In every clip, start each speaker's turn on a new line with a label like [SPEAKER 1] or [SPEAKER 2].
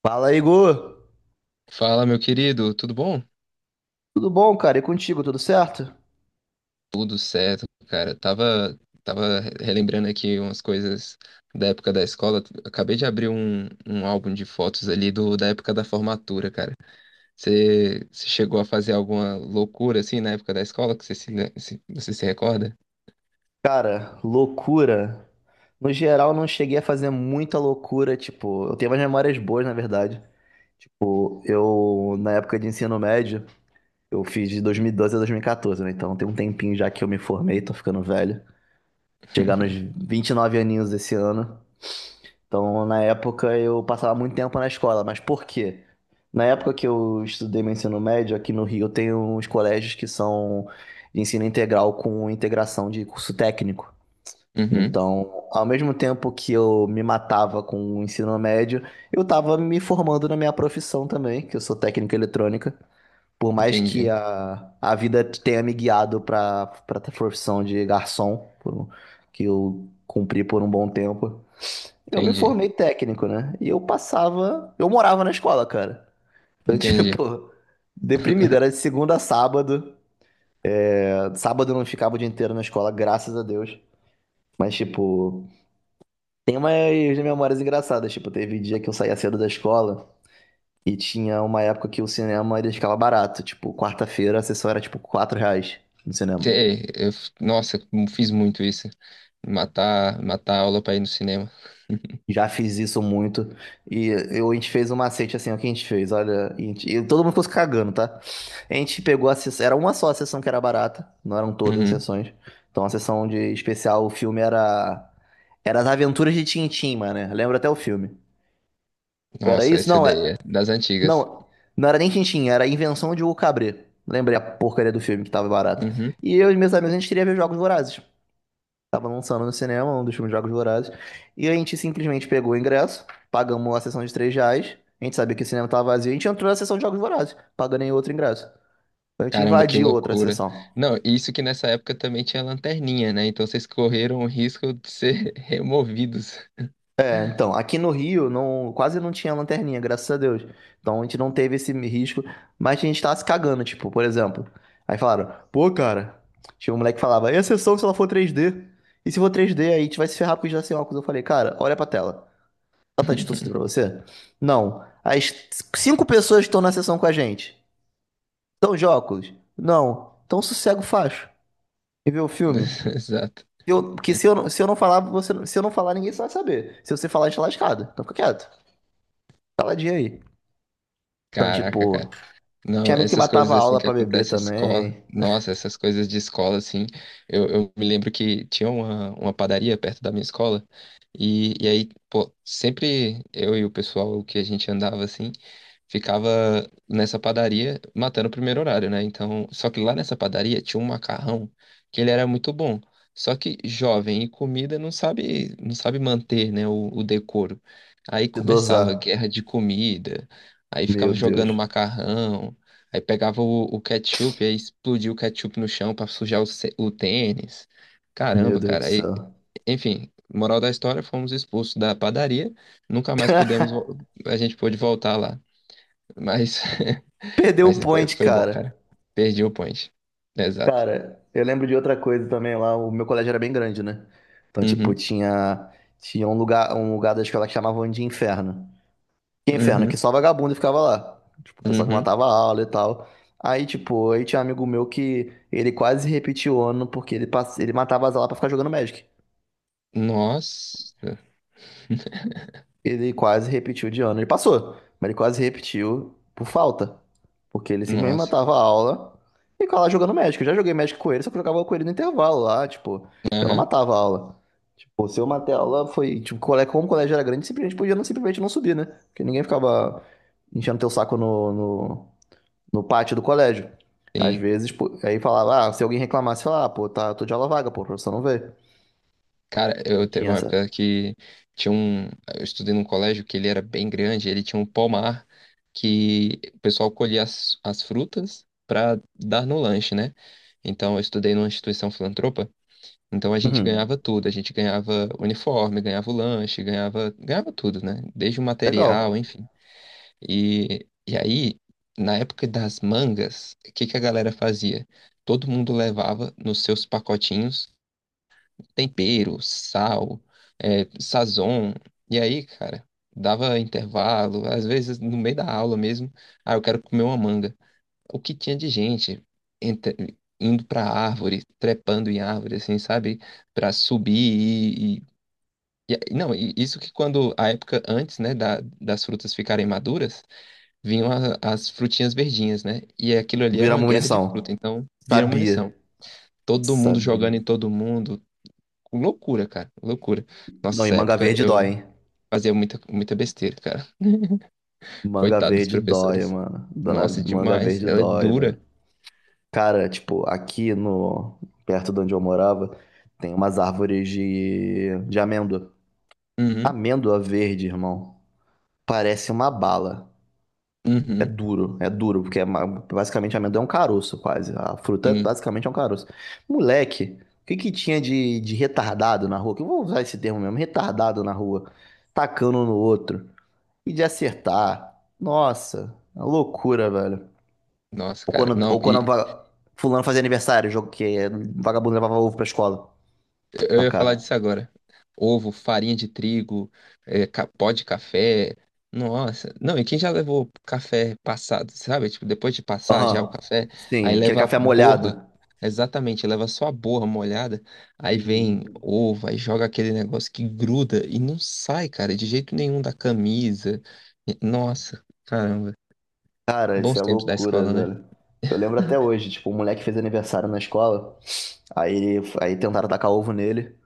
[SPEAKER 1] Fala, Igor!
[SPEAKER 2] Fala, meu querido, tudo bom?
[SPEAKER 1] Tudo bom, cara? E contigo, tudo certo?
[SPEAKER 2] Tudo certo, cara. Tava relembrando aqui umas coisas da época da escola. Acabei de abrir um álbum de fotos ali da época da formatura, cara. Você chegou a fazer alguma loucura assim na época da escola que você se recorda?
[SPEAKER 1] Cara, loucura. No geral, não cheguei a fazer muita loucura, tipo, eu tenho umas memórias boas, na verdade. Tipo, eu, na época de ensino médio, eu fiz de 2012 a 2014, né? Então tem um tempinho já que eu me formei, tô ficando velho. Chegar nos 29 aninhos esse ano. Então, na época, eu passava muito tempo na escola, mas por quê? Na época que eu estudei meu ensino médio, aqui no Rio, tem uns colégios que são de ensino integral com integração de curso técnico.
[SPEAKER 2] Uhum,
[SPEAKER 1] Então, ao mesmo tempo que eu me matava com o ensino médio, eu estava me formando na minha profissão também, que eu sou técnico em eletrônica. Por mais que
[SPEAKER 2] entendi,
[SPEAKER 1] a vida tenha me guiado para a profissão de garçom, que eu cumpri por um bom tempo. Eu me
[SPEAKER 2] entendi,
[SPEAKER 1] formei técnico, né? E eu passava. Eu morava na escola, cara. Então,
[SPEAKER 2] entendi.
[SPEAKER 1] tipo, deprimido. Era de segunda a sábado. Sábado eu não ficava o dia inteiro na escola, graças a Deus. Mas, tipo, tem umas memórias engraçadas. Tipo, teve dia que eu saía cedo da escola e tinha uma época que o cinema ele ficava barato. Tipo, quarta-feira a sessão era tipo R$ 4 no cinema.
[SPEAKER 2] Nossa, eu fiz muito isso. Matar a aula pra ir no cinema.
[SPEAKER 1] Já fiz isso muito. E eu, a gente fez um macete assim, ó, que a gente fez, olha. E todo mundo ficou se cagando, tá? A gente pegou a sessão. Era uma só a sessão que era barata, não eram todas as
[SPEAKER 2] Uhum.
[SPEAKER 1] sessões. Então a sessão de especial, o filme era. Era As Aventuras de Tintim, mano, né? Lembro até o filme. Era
[SPEAKER 2] Nossa,
[SPEAKER 1] isso?
[SPEAKER 2] essa
[SPEAKER 1] Não, é.
[SPEAKER 2] ideia é das antigas.
[SPEAKER 1] Não, não era nem Tintim, era a Invenção de Hugo Cabret. Lembrei a porcaria do filme que tava barato.
[SPEAKER 2] Uhum.
[SPEAKER 1] E eu e meus amigos, a gente queria ver Jogos Vorazes. Tava lançando no cinema, um dos filmes Jogos Vorazes. E a gente simplesmente pegou o ingresso, pagamos a sessão de R$ 3. A gente sabia que o cinema tava vazio, a gente entrou na sessão de Jogos Vorazes, pagando em outro ingresso. Então, a gente
[SPEAKER 2] Caramba, que
[SPEAKER 1] invadiu outra
[SPEAKER 2] loucura.
[SPEAKER 1] sessão.
[SPEAKER 2] Não, isso que nessa época também tinha lanterninha, né? Então vocês correram o risco de ser removidos.
[SPEAKER 1] É, então, aqui no Rio, não, quase não tinha lanterninha, graças a Deus. Então a gente não teve esse risco, mas a gente tava se cagando, tipo, por exemplo. Aí falaram, pô, cara, tinha um moleque que falava, e a sessão se ela for 3D? E se for 3D, aí a gente vai se ferrar porque já sem óculos. Eu falei, cara, olha pra tela. Ela tá distorcida pra você? Não. As 5 pessoas que estão na sessão com a gente. Estão de óculos? Não. Então sossega o facho e vê o filme. Se
[SPEAKER 2] Exato.
[SPEAKER 1] eu- Porque se eu não falar, você, não- se eu não falar, ninguém vai saber. Se você falar, a gente tá lascado. Então fica quieto. Caladinho aí. Então,
[SPEAKER 2] Caraca,
[SPEAKER 1] tipo,
[SPEAKER 2] cara. Não,
[SPEAKER 1] tinha amigo que
[SPEAKER 2] essas coisas
[SPEAKER 1] matava a
[SPEAKER 2] assim
[SPEAKER 1] aula
[SPEAKER 2] que
[SPEAKER 1] pra beber
[SPEAKER 2] acontecem em escola,
[SPEAKER 1] também.
[SPEAKER 2] nossa, essas coisas de escola assim, eu me lembro que tinha uma padaria perto da minha escola e aí, pô, sempre eu e o pessoal que a gente andava assim, ficava nessa padaria matando o primeiro horário, né? Então, só que lá nessa padaria tinha um macarrão que ele era muito bom, só que jovem e comida não sabe manter, né, o decoro. Aí
[SPEAKER 1] Se
[SPEAKER 2] começava
[SPEAKER 1] dosar.
[SPEAKER 2] guerra de comida, aí
[SPEAKER 1] Meu
[SPEAKER 2] ficava jogando
[SPEAKER 1] Deus.
[SPEAKER 2] macarrão. Aí pegava o ketchup, aí explodia o ketchup no chão pra sujar o tênis.
[SPEAKER 1] Meu
[SPEAKER 2] Caramba,
[SPEAKER 1] Deus do
[SPEAKER 2] cara. Aí,
[SPEAKER 1] céu.
[SPEAKER 2] enfim, moral da história, fomos expulsos da padaria. Nunca mais pudemos, vo- A gente pôde voltar lá. Mas,
[SPEAKER 1] Perdeu o
[SPEAKER 2] mas foi,
[SPEAKER 1] point,
[SPEAKER 2] foi bom,
[SPEAKER 1] cara.
[SPEAKER 2] cara. Perdi o point. Exato.
[SPEAKER 1] Cara, eu lembro de outra coisa também lá. O meu colégio era bem grande, né? Então, tipo,
[SPEAKER 2] Uhum,
[SPEAKER 1] tinha um lugar da escola que chamavam de inferno. Que inferno, que
[SPEAKER 2] uhum,
[SPEAKER 1] só vagabundo ficava lá. Tipo, o pessoal que
[SPEAKER 2] uhum.
[SPEAKER 1] matava a aula e tal. Aí tinha um amigo meu que ele quase repetiu o ano porque ele matava as aulas pra ficar jogando Magic.
[SPEAKER 2] Nossa,
[SPEAKER 1] Ele quase repetiu de ano. Ele passou, mas ele quase repetiu por falta. Porque ele simplesmente
[SPEAKER 2] nossa.
[SPEAKER 1] matava a aula e ficava lá jogando Magic. Eu já joguei Magic com ele, só que eu jogava com ele no intervalo lá, tipo, eu não
[SPEAKER 2] Aham.
[SPEAKER 1] matava a aula. Tipo, se eu matei a aula, foi, tipo, como o colégio era grande, simplesmente podia não, simplesmente não subir, né? Porque ninguém ficava enchendo teu saco no pátio do colégio. Às
[SPEAKER 2] Sim.
[SPEAKER 1] vezes, pô, aí falava, ah, se alguém reclamasse, falava, ah, pô, tá, tô de aula vaga, pô, o professor não veio.
[SPEAKER 2] Cara,
[SPEAKER 1] Não
[SPEAKER 2] eu teve
[SPEAKER 1] tinha
[SPEAKER 2] uma
[SPEAKER 1] essa.
[SPEAKER 2] época que tinha um. Eu estudei num colégio que ele era bem grande, ele tinha um pomar que o pessoal colhia as frutas para dar no lanche, né? Então eu estudei numa instituição filantropa, então a gente
[SPEAKER 1] Uhum.
[SPEAKER 2] ganhava tudo, a gente ganhava uniforme, ganhava o lanche, ganhava tudo, né? Desde o material,
[SPEAKER 1] Legal.
[SPEAKER 2] enfim. E aí, na época das mangas, o que que a galera fazia? Todo mundo levava nos seus pacotinhos tempero, sal, é, sazon. E aí, cara, dava intervalo, às vezes no meio da aula mesmo, ah, eu quero comer uma manga. O que tinha de gente indo pra árvore, trepando em árvore, assim, sabe? Pra subir e- a- não, e isso que quando, a época antes, né, das frutas ficarem maduras, vinham as frutinhas verdinhas, né? E aquilo ali era
[SPEAKER 1] Virar
[SPEAKER 2] uma
[SPEAKER 1] uma
[SPEAKER 2] guerra de fruta,
[SPEAKER 1] munição.
[SPEAKER 2] então vira munição.
[SPEAKER 1] Sabia.
[SPEAKER 2] Todo mundo jogando
[SPEAKER 1] Sabia.
[SPEAKER 2] em todo mundo. Loucura, cara, loucura. Nossa,
[SPEAKER 1] Não, e
[SPEAKER 2] essa
[SPEAKER 1] manga
[SPEAKER 2] época
[SPEAKER 1] verde dói,
[SPEAKER 2] eu
[SPEAKER 1] hein?
[SPEAKER 2] fazia muita besteira, cara.
[SPEAKER 1] Manga
[SPEAKER 2] Coitado dos
[SPEAKER 1] verde dói,
[SPEAKER 2] professores.
[SPEAKER 1] mano. Dona
[SPEAKER 2] Nossa,
[SPEAKER 1] manga
[SPEAKER 2] demais.
[SPEAKER 1] verde
[SPEAKER 2] Ela é
[SPEAKER 1] dói, velho.
[SPEAKER 2] dura.
[SPEAKER 1] Cara, tipo, aqui no perto de onde eu morava, tem umas árvores de amêndoa.
[SPEAKER 2] Uhum,
[SPEAKER 1] Amêndoa verde, irmão. Parece uma bala.
[SPEAKER 2] uhum,
[SPEAKER 1] É duro, porque basicamente amendoim é um caroço, quase. A fruta
[SPEAKER 2] sim.
[SPEAKER 1] basicamente é um caroço. Moleque, o que que tinha de retardado na rua? Que eu vou usar esse termo mesmo, retardado na rua, tacando um no outro e de acertar. Nossa, é uma loucura, velho.
[SPEAKER 2] Nossa,
[SPEAKER 1] Ou
[SPEAKER 2] cara.
[SPEAKER 1] quando,
[SPEAKER 2] Não,
[SPEAKER 1] ou quando
[SPEAKER 2] e
[SPEAKER 1] va- Fulano fazia aniversário, vagabundo levava ovo pra escola.
[SPEAKER 2] eu ia falar
[SPEAKER 1] Tacar.
[SPEAKER 2] disso agora. Ovo, farinha de trigo, é, pó de café. Nossa, não, e quem já levou café passado, sabe? Tipo, depois de passar já o
[SPEAKER 1] Aham.
[SPEAKER 2] café,
[SPEAKER 1] Sim,
[SPEAKER 2] aí
[SPEAKER 1] aquele
[SPEAKER 2] leva a
[SPEAKER 1] café
[SPEAKER 2] borra.
[SPEAKER 1] molhado.
[SPEAKER 2] Exatamente, leva só a borra molhada, aí vem
[SPEAKER 1] Hum.
[SPEAKER 2] ovo, aí joga aquele negócio que gruda e não sai, cara, de jeito nenhum da camisa. E- Nossa, caramba.
[SPEAKER 1] Cara, isso
[SPEAKER 2] Bons
[SPEAKER 1] é
[SPEAKER 2] tempos da
[SPEAKER 1] loucura,
[SPEAKER 2] escola, né?
[SPEAKER 1] velho. Eu lembro até hoje, tipo, um moleque fez aniversário na escola, aí tentaram tacar ovo nele.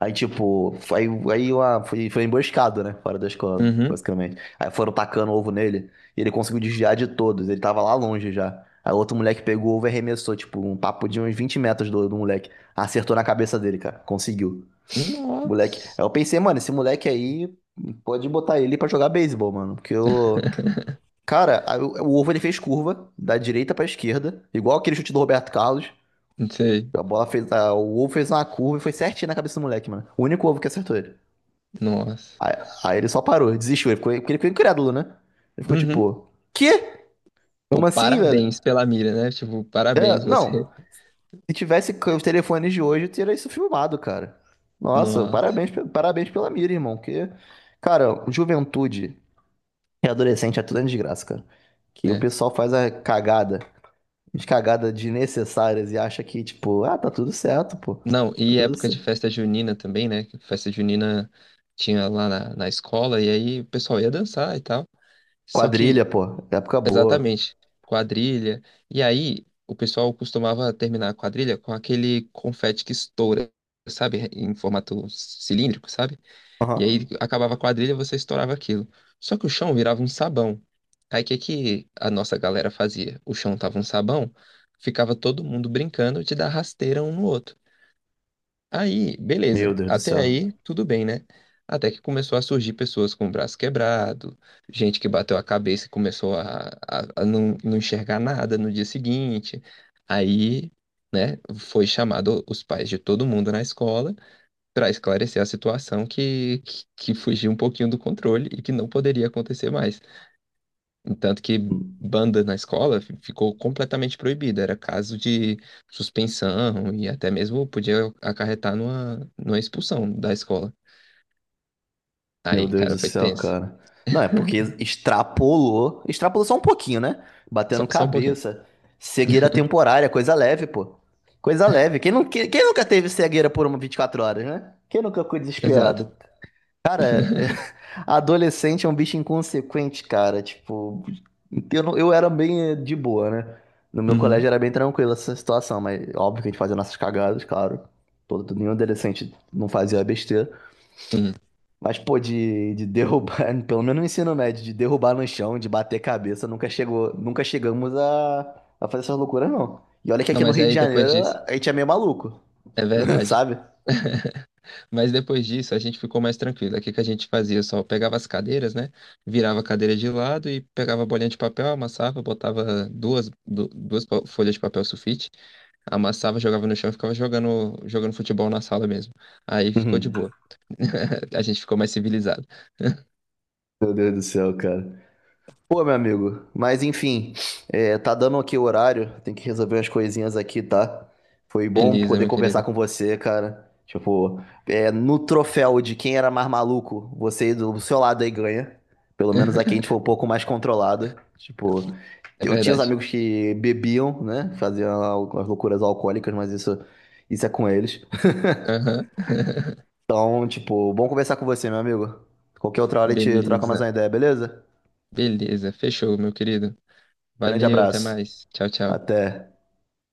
[SPEAKER 1] Aí, tipo, aí, aí uma, foi, Foi emboscado, né? Fora da escola,
[SPEAKER 2] Uhum.
[SPEAKER 1] basicamente. Aí foram tacando ovo nele, e ele conseguiu desviar de todos, ele tava lá longe já. Aí outro moleque pegou o ovo e arremessou, tipo, um papo de uns 20 metros do moleque. Acertou na cabeça dele, cara, conseguiu. Moleque. Aí
[SPEAKER 2] Nossa,
[SPEAKER 1] eu pensei, mano, esse moleque aí, pode botar ele pra jogar beisebol, mano, porque eu. Cara, o ovo ele fez curva da direita pra esquerda, igual aquele chute do Roberto Carlos.
[SPEAKER 2] não sei.
[SPEAKER 1] A bola fez, a- O ovo fez uma curva e foi certinho na cabeça do moleque, mano. O único ovo que acertou ele.
[SPEAKER 2] Nossa.
[SPEAKER 1] Aí, aí ele só parou, desistiu, ele ficou, porque ele ficou incrédulo, né? Ele ficou
[SPEAKER 2] Uhum.
[SPEAKER 1] tipo, quê?
[SPEAKER 2] Pô,
[SPEAKER 1] Como assim, velho?
[SPEAKER 2] parabéns pela mira, né? Tipo,
[SPEAKER 1] É,
[SPEAKER 2] parabéns você.
[SPEAKER 1] não. Se tivesse c- Os telefones de hoje, eu teria isso filmado, cara. Nossa,
[SPEAKER 2] Nossa,
[SPEAKER 1] parabéns pela mira, irmão. Que, cara, juventude e adolescente é tudo uma desgraça, cara. Que o
[SPEAKER 2] né?
[SPEAKER 1] pessoal faz a cagada desnecessárias e acha que, tipo, ah, tá tudo certo, pô.
[SPEAKER 2] Não,
[SPEAKER 1] Tá
[SPEAKER 2] e
[SPEAKER 1] tudo
[SPEAKER 2] época de
[SPEAKER 1] certo.
[SPEAKER 2] festa junina também, né? Que festa junina tinha lá na escola, e aí o pessoal ia dançar e tal. Só
[SPEAKER 1] Quadrilha,
[SPEAKER 2] que,
[SPEAKER 1] pô. Época boa.
[SPEAKER 2] exatamente, quadrilha. E aí o pessoal costumava terminar a quadrilha com aquele confete que estoura, sabe? Em formato cilíndrico, sabe? E
[SPEAKER 1] Aham.
[SPEAKER 2] aí acabava a quadrilha, você estourava aquilo. Só que o chão virava um sabão. Aí o que que a nossa galera fazia? O chão tava um sabão, ficava todo mundo brincando de dar rasteira um no outro. Aí,
[SPEAKER 1] Meu
[SPEAKER 2] beleza,
[SPEAKER 1] Deus do
[SPEAKER 2] até
[SPEAKER 1] céu.
[SPEAKER 2] aí tudo bem, né? Até que começou a surgir pessoas com o braço quebrado, gente que bateu a cabeça e começou a não, não enxergar nada no dia seguinte. Aí, né, foi chamado os pais de todo mundo na escola para esclarecer a situação que fugiu um pouquinho do controle e que não poderia acontecer mais. Tanto que banda na escola ficou completamente proibida, era caso de suspensão e até mesmo podia acarretar numa expulsão da escola.
[SPEAKER 1] Meu
[SPEAKER 2] Aí,
[SPEAKER 1] Deus
[SPEAKER 2] cara,
[SPEAKER 1] do
[SPEAKER 2] foi
[SPEAKER 1] céu,
[SPEAKER 2] tenso.
[SPEAKER 1] cara. Não, é porque extrapolou. Extrapolou só um pouquinho, né?
[SPEAKER 2] Só,
[SPEAKER 1] Batendo
[SPEAKER 2] só um pouquinho.
[SPEAKER 1] cabeça. Cegueira temporária, coisa leve, pô. Coisa leve. Quem, não, quem, Quem nunca teve cegueira por uma 24 horas, né? Quem nunca ficou
[SPEAKER 2] Exato.
[SPEAKER 1] desesperado? Cara, adolescente é um bicho inconsequente, cara. Tipo, eu, não- eu era bem de boa, né? No meu colégio
[SPEAKER 2] Uhum,
[SPEAKER 1] era bem tranquila essa situação, mas óbvio que a gente fazia nossas cagadas, claro. Todo, nenhum adolescente não fazia besteira.
[SPEAKER 2] sim.
[SPEAKER 1] Mas, pô, de derrubar, pelo menos no ensino médio, de derrubar no chão, de bater cabeça, nunca chegou, nunca chegamos a fazer essas loucuras, não. E olha que
[SPEAKER 2] Não,
[SPEAKER 1] aqui no
[SPEAKER 2] mas
[SPEAKER 1] Rio de
[SPEAKER 2] aí depois
[SPEAKER 1] Janeiro
[SPEAKER 2] disso,
[SPEAKER 1] a gente é meio maluco,
[SPEAKER 2] é verdade.
[SPEAKER 1] sabe?
[SPEAKER 2] Mas depois disso, a gente ficou mais tranquilo. O que que a gente fazia? Só pegava as cadeiras, né? Virava a cadeira de lado e pegava a bolinha de papel, amassava, botava duas, du- duas pa- folhas de papel sulfite, amassava, jogava no chão e ficava jogando futebol na sala mesmo. Aí ficou de
[SPEAKER 1] Uhum.
[SPEAKER 2] boa. A gente ficou mais civilizado.
[SPEAKER 1] Meu Deus do céu, cara. Pô, meu amigo, mas enfim, é, tá dando aqui o horário, tem que resolver umas coisinhas aqui, tá? Foi bom
[SPEAKER 2] Beleza,
[SPEAKER 1] poder
[SPEAKER 2] meu
[SPEAKER 1] conversar
[SPEAKER 2] querido.
[SPEAKER 1] com você, cara. Tipo, é, no troféu de quem era mais maluco, você do seu lado aí ganha. Pelo menos aqui a gente foi um pouco mais controlado. Tipo,
[SPEAKER 2] É
[SPEAKER 1] eu tinha os
[SPEAKER 2] verdade.
[SPEAKER 1] amigos que bebiam, né? Faziam algumas loucuras alcoólicas, mas isso é com eles.
[SPEAKER 2] Aham.
[SPEAKER 1] Então, tipo, bom conversar com você, meu amigo. Qualquer outra hora a gente troca mais
[SPEAKER 2] Beleza.
[SPEAKER 1] uma ideia, beleza?
[SPEAKER 2] Beleza. Fechou, meu querido.
[SPEAKER 1] Grande
[SPEAKER 2] Valeu, até
[SPEAKER 1] abraço.
[SPEAKER 2] mais. Tchau, tchau.
[SPEAKER 1] Até.